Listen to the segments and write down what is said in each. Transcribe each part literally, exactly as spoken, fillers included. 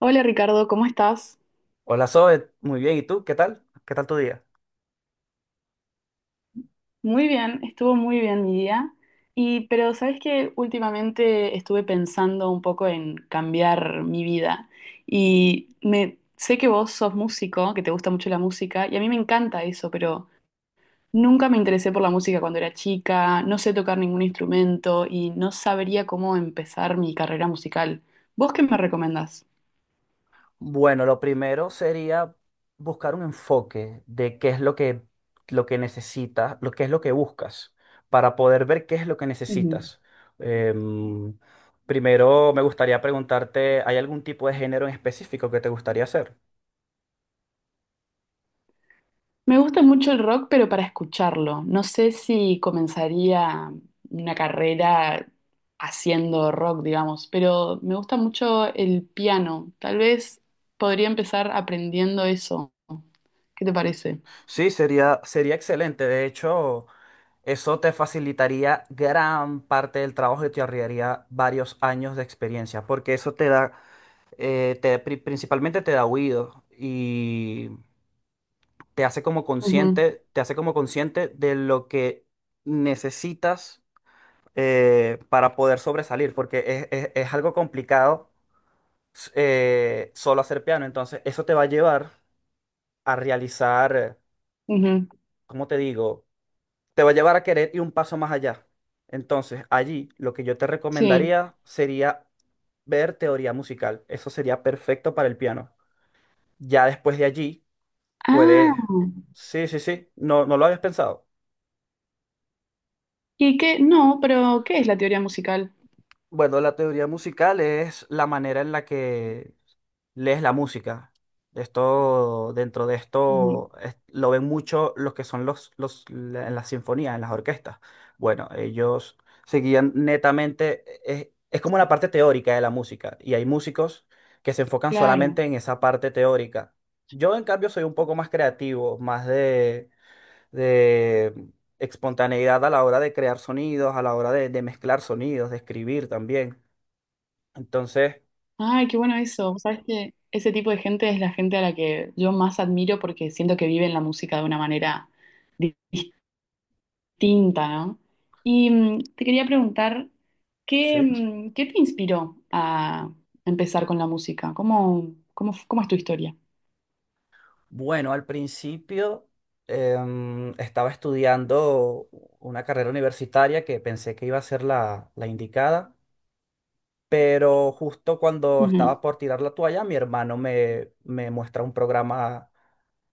Hola Ricardo, ¿cómo estás? Hola Zoe, muy bien. ¿Y tú? ¿Qué tal? ¿Qué tal tu día? Muy bien, estuvo muy bien mi día. Y pero sabes que últimamente estuve pensando un poco en cambiar mi vida y me sé que vos sos músico, que te gusta mucho la música y a mí me encanta eso, pero nunca me interesé por la música cuando era chica, no sé tocar ningún instrumento y no sabría cómo empezar mi carrera musical. ¿Vos qué me recomendás? Bueno, lo primero sería buscar un enfoque de qué es lo que, lo que necesitas, lo que es lo que buscas, para poder ver qué es lo que Ujú. necesitas. Em, Primero me gustaría preguntarte, ¿hay algún tipo de género en específico que te gustaría hacer? Me gusta mucho el rock, pero para escucharlo. No sé si comenzaría una carrera haciendo rock, digamos, pero me gusta mucho el piano. Tal vez podría empezar aprendiendo eso. ¿Qué te parece? Sí, sería, sería excelente. De hecho, eso te facilitaría gran parte del trabajo y te ahorraría varios años de experiencia, porque eso te da eh, te- pri- principalmente te da oídos y te hace como Ujú, consciente, te hace como consciente de lo que necesitas eh, para poder sobresalir, porque es, es- es algo complicado s- eh, solo hacer piano, entonces eso te va a llevar a realizar, ujú. ¿cómo te digo? Te va a llevar a querer ir un paso más allá. Entonces, allí lo que yo te Sí. recomendaría sería ver teoría musical. Eso sería perfecto para el piano. Ya después de allí puedes. Ah, Sí, sí, sí. No, no lo habías pensado. ¿y qué? No, pero ¿qué es la teoría musical? Bueno, la teoría musical es la manera en la que lees la música. Esto, dentro de Ujú. esto, es- lo ven mucho los que son los, los, la- en las sinfonías, en las orquestas. Bueno, ellos seguían netamente, es, es como la parte teórica de la música, y hay músicos que se enfocan Claro. solamente en esa parte teórica. Yo, en cambio, soy un poco más creativo, más de de espontaneidad a la hora de crear sonidos, a la hora de, de mezclar sonidos, de escribir también. Entonces, Ay, qué bueno eso. Sabes que ese tipo de gente es la gente a la que yo más admiro porque siento que viven la música de una manera tinta, ¿no? Y mm, te quería preguntar, ¿qué, sí, mm, qué te inspiró a empezar con la música? ¿Cómo, cómo, f- cómo es tu historia? bueno, al principio em, estaba estudiando una carrera universitaria que pensé que iba a ser la, la indicada, pero justo cuando estaba Ujú. por tirar la toalla, mi hermano me, me muestra un programa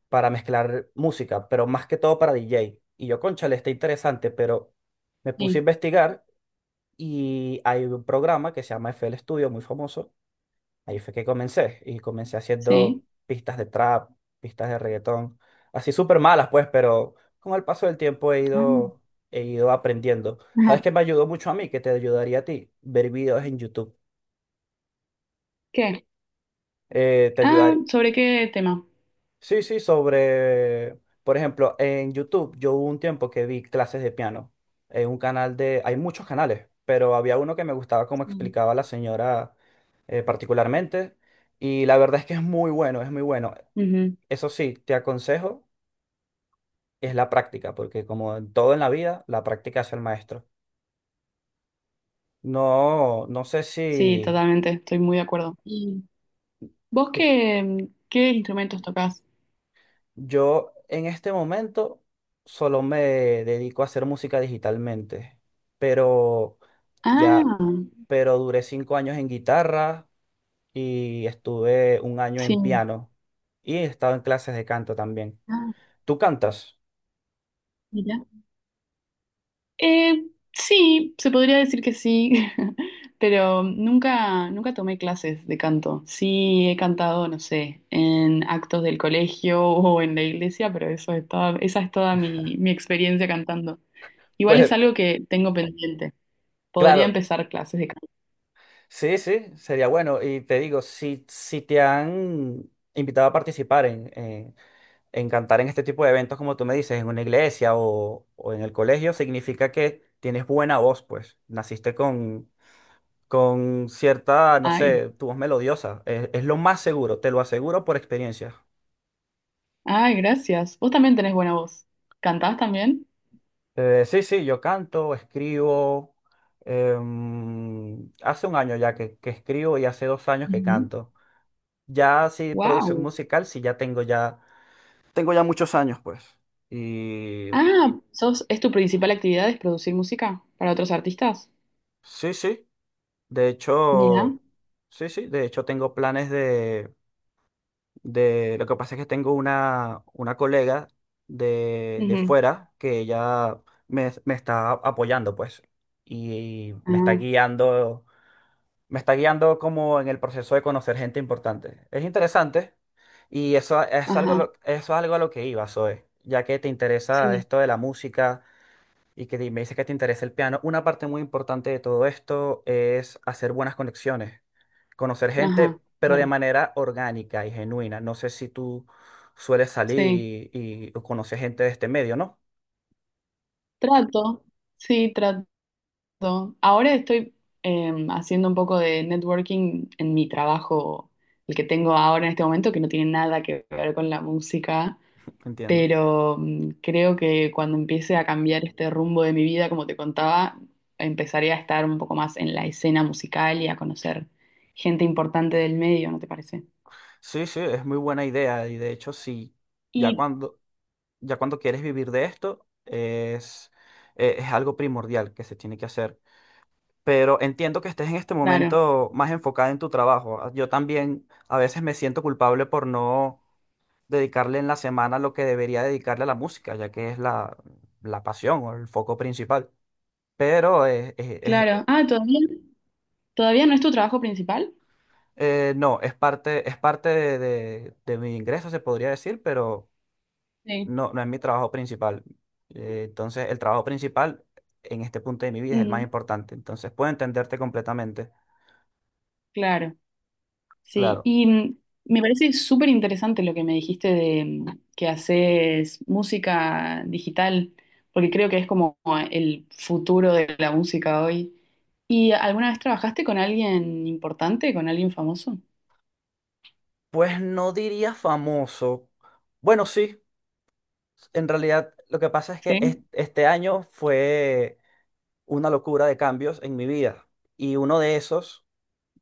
para mezclar música, pero más que todo para D J. Y yo, cónchale, está interesante, pero me puse a Sí, investigar y hay un programa que se llama F. L. Studio, muy famoso. Ahí fue que comencé. Y comencé sí. haciendo pistas de trap, pistas de reggaetón. Así súper malas, pues, pero con el paso del tiempo he Ah, ido, he ido aprendiendo. ¿Sabes ajá. qué me ayudó mucho a mí? Que te ayudaría a ti. Ver videos en YouTube. ¿Qué? Eh, te Ah, ayudaría. ¿sobre qué tema? Sí, sí, sobre. Por ejemplo, en YouTube yo hubo un tiempo que vi clases de piano. En un canal de. Hay muchos canales, pero había uno que me gustaba cómo Sí. explicaba la señora eh, particularmente, y la verdad es que es muy bueno, es muy bueno. Ujú. Eso sí, te aconsejo, es la práctica, porque como en todo en la vida, la práctica hace el maestro. No, no sé si Sí, totalmente, estoy muy de acuerdo. ¿Y vos te- qué, mm, qué instrumentos tocás? yo en este momento solo me dedico a hacer música digitalmente, pero ya, Ah, pero duré cinco años en guitarra y estuve un año en sí. piano y he estado en clases de canto también. Ah, ¿Tú cantas? mirá. Eh, sí, se podría decir que sí, pero nunca, nunca tomé clases de canto. Sí he cantado, no sé, en actos del colegio o en la iglesia, pero eso es toda, esa es toda mi, mi experiencia cantando. Igual Pues es algo que tengo pendiente. Podría claro, empezar clases de canto. sí, sí, sería bueno. Y te digo, si, si te han invitado a participar en, en, en cantar en este tipo de eventos, como tú me dices, en una iglesia o, o en el colegio, significa que tienes buena voz, pues. Naciste con, con cierta, no Ay, sé, tu voz melodiosa. Es, es lo más seguro, te lo aseguro por experiencia. ay, gracias. Vos también tenés buena voz. ¿Cantás también? Eh, sí, sí, yo canto, escribo. em, hace un año ya que, que escribo y hace dos años que canto. Ya sí, producción Wow. musical, sí, ya tengo ya tengo ya muchos años, pues. Y Ah, sos, ¿es tu principal actividad es producir música para otros artistas? sí, sí. De Mira. hecho, sí, sí. De hecho, tengo planes de, de... Lo que pasa es que tengo una, una colega de, de Ujú. fuera que ella me, me está apoyando, pues. Y me está Ah. guiando, me está guiando como en el proceso de conocer gente importante. Es interesante. Y eso es algo, Ajá, lo- eso es algo a lo que iba, Zoe, ya que te interesa sí, esto de la música y que di- me dice que te interesa el piano, una parte muy importante de todo esto es hacer buenas conexiones, conocer ajá, gente, pero de claro, manera orgánica y genuina. No sé si tú sueles salir sí. y, y o conoces gente de este medio, ¿no? Trato, sí, trato. Ahora estoy em, haciendo un poco de networking en mi trabajo, el que tengo ahora en este momento, que no tiene nada que ver con la música, Entiendo. pero mm, creo que cuando empiece a cambiar este rumbo de mi vida, como te contaba, empezaré a estar un poco más en la escena musical y a conocer gente importante del medio, ¿no te parece? Sí, sí, es muy buena idea y de hecho sí, ya Y cuando, ya cuando quieres vivir de esto es, eh, es algo primordial que se tiene que hacer. Pero entiendo que estés en este claro, momento más enfocada en tu trabajo. Ah, yo también a veces me siento culpable por no dedicarle en la semana lo que debería dedicarle a la música, ya que es la, la pasión o el foco principal. Pero eh, eh, eh, claro. eh, Ah, ¿todavía, todavía no es tu trabajo principal? eh, no, es parte, es parte de, de- de mi ingreso, se podría decir, pero Sí. no, no es mi trabajo principal. Eh, entonces, el trabajo principal en este punto de mi vida es el más Mm, importante. Entonces, puedo entenderte completamente. claro, sí. Claro. Y mm, me parece súper interesante lo que me dijiste de mm, que haces música digital, porque creo que es como el futuro de la música hoy. ¿Y alguna vez trabajaste con alguien importante, con alguien famoso? Pues no diría famoso. Bueno, sí. En realidad, lo que pasa es que es- Sí. este año fue una locura de cambios en mi vida. Y uno de esos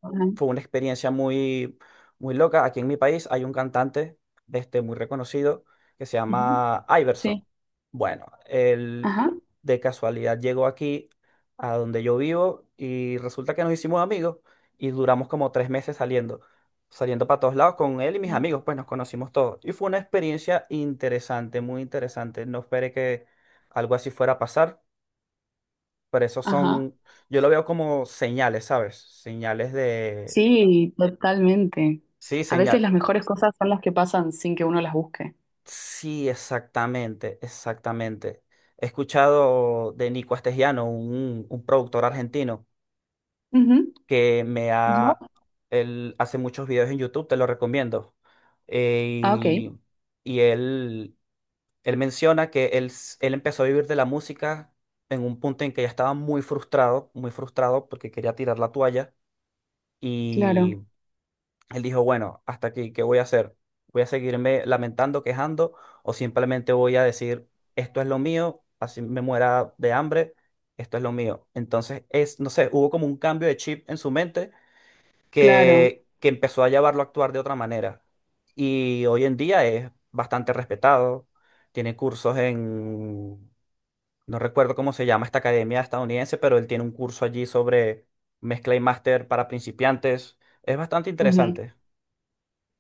Ajá. fue una experiencia muy, muy loca. Aquí en mi país hay un cantante este, muy reconocido que se Ujú. llama Sí. Iverson. Bueno, él Ajá. de casualidad llegó aquí a donde yo vivo y resulta que nos hicimos amigos y duramos como tres meses saliendo. Saliendo para todos lados con él y mis Sí. amigos, pues nos conocimos todos. Y fue una experiencia interesante, muy interesante. No esperé que algo así fuera a pasar, pero esos Ajá. son, yo lo veo como señales, ¿sabes? Señales de... Sí, totalmente. Sí, A veces señal. las mejores cosas son las que pasan sin que uno las busque. Sí, exactamente, exactamente. He escuchado de Nico Astesiano, un, un productor argentino, Ujú. que me ¿Yo? ha... Él hace muchos videos en YouTube, te lo recomiendo. Eh, Ah, ok. y y él, él menciona que él, s- él empezó a vivir de la música en un punto en que ya estaba muy frustrado, muy frustrado porque quería tirar la toalla. Claro, Él dijo, bueno, hasta aquí, ¿qué voy a hacer? ¿Voy a seguirme lamentando, quejando o simplemente voy a decir, esto es lo mío, así me muera de hambre, esto es lo mío? Entonces, es, no sé, hubo como un cambio de chip en su mente claro. que, que empezó a llevarlo a actuar de otra manera. Y hoy en día es bastante respetado, tiene cursos en, no recuerdo cómo se llama esta academia estadounidense, pero él tiene un curso allí sobre mezcla y máster para principiantes. Es bastante Ujú. interesante.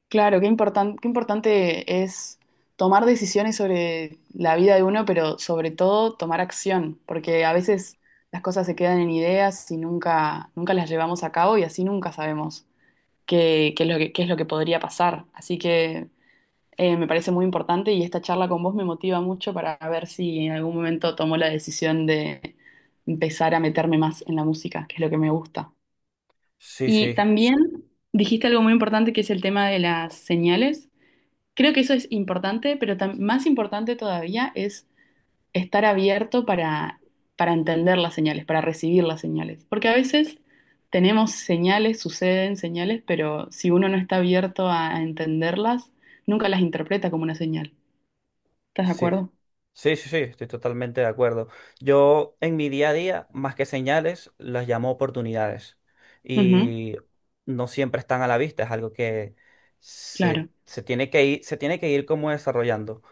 Claro, qué importan- qué importante es tomar decisiones sobre la vida de uno, pero sobre todo tomar acción, porque a veces las cosas se quedan en ideas y nunca, nunca las llevamos a cabo y así nunca sabemos qué, qué es lo que, qué es lo que podría pasar. Así que eh, me parece muy importante y esta charla con vos me motiva mucho para ver si en algún momento tomo la decisión de empezar a meterme más en la música, que es lo que me gusta. Sí, sí, Y también dijiste algo muy importante que es el tema de las señales. Creo que eso es importante, pero tam- más importante todavía es estar abierto para, para entender las señales, para recibir las señales. Porque a veces tenemos señales, suceden señales, pero si uno no está abierto a, a entenderlas, nunca las interpreta como una señal. ¿Estás de sí. acuerdo? Sí, sí, sí, estoy totalmente de acuerdo. Yo en mi día a día, más que señales, las llamo oportunidades. Ujú, Y no siempre están a la vista, es algo que se, claro, se tiene que ir, se tiene que ir como desarrollando,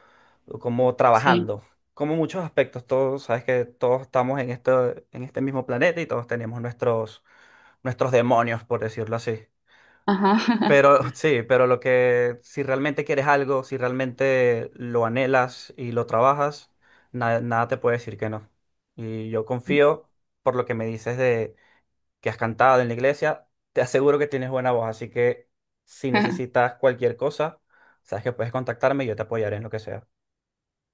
o como sí. trabajando. Como muchos aspectos, todos, sabes que todos estamos en este, en este mismo planeta y todos tenemos nuestros, nuestros demonios, por decirlo así. Ajá. Pero sí, pero lo que, si realmente quieres algo, si realmente lo anhelas y lo trabajas, na- nada te puede decir que no. Y yo confío por lo que me dices de que has cantado en la iglesia, te aseguro que tienes buena voz, así que si necesitas cualquier cosa, sabes que puedes contactarme y yo te apoyaré en lo que sea.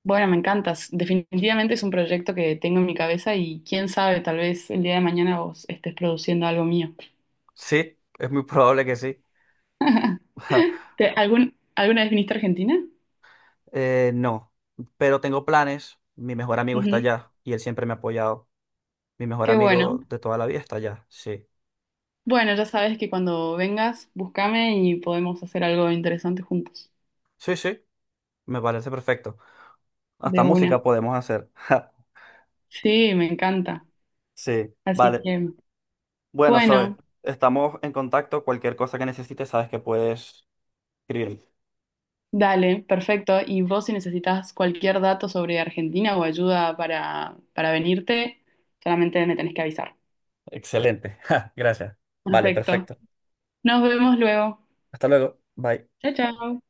Bueno, me encantas. Definitivamente es un proyecto que tengo en mi cabeza y quién sabe, tal vez el día de mañana vos estés produciendo algo mío. Sí, es muy probable que sí. ¿Te- algún, alguna vez viniste a Argentina? Eh, no, pero tengo planes. Mi mejor amigo está Ujú. allá y él siempre me ha apoyado. Mi mejor Qué bueno. amigo de toda la vida está allá, sí. Bueno, ya sabes que cuando vengas, búscame y podemos hacer algo interesante juntos. Sí, sí. Me parece perfecto. Hasta De una. música podemos hacer. Sí, me encanta. Sí, Así vale. que, Bueno, Zoe, bueno, estamos en contacto. Cualquier cosa que necesites, sabes que puedes escribirme. dale, perfecto. Y vos si necesitas cualquier dato sobre Argentina o ayuda para, para venirte, solamente me tenés que avisar. Excelente. Ja, gracias. Vale, Perfecto. perfecto. Nos vemos luego. Hasta luego. Bye. Chao, chao.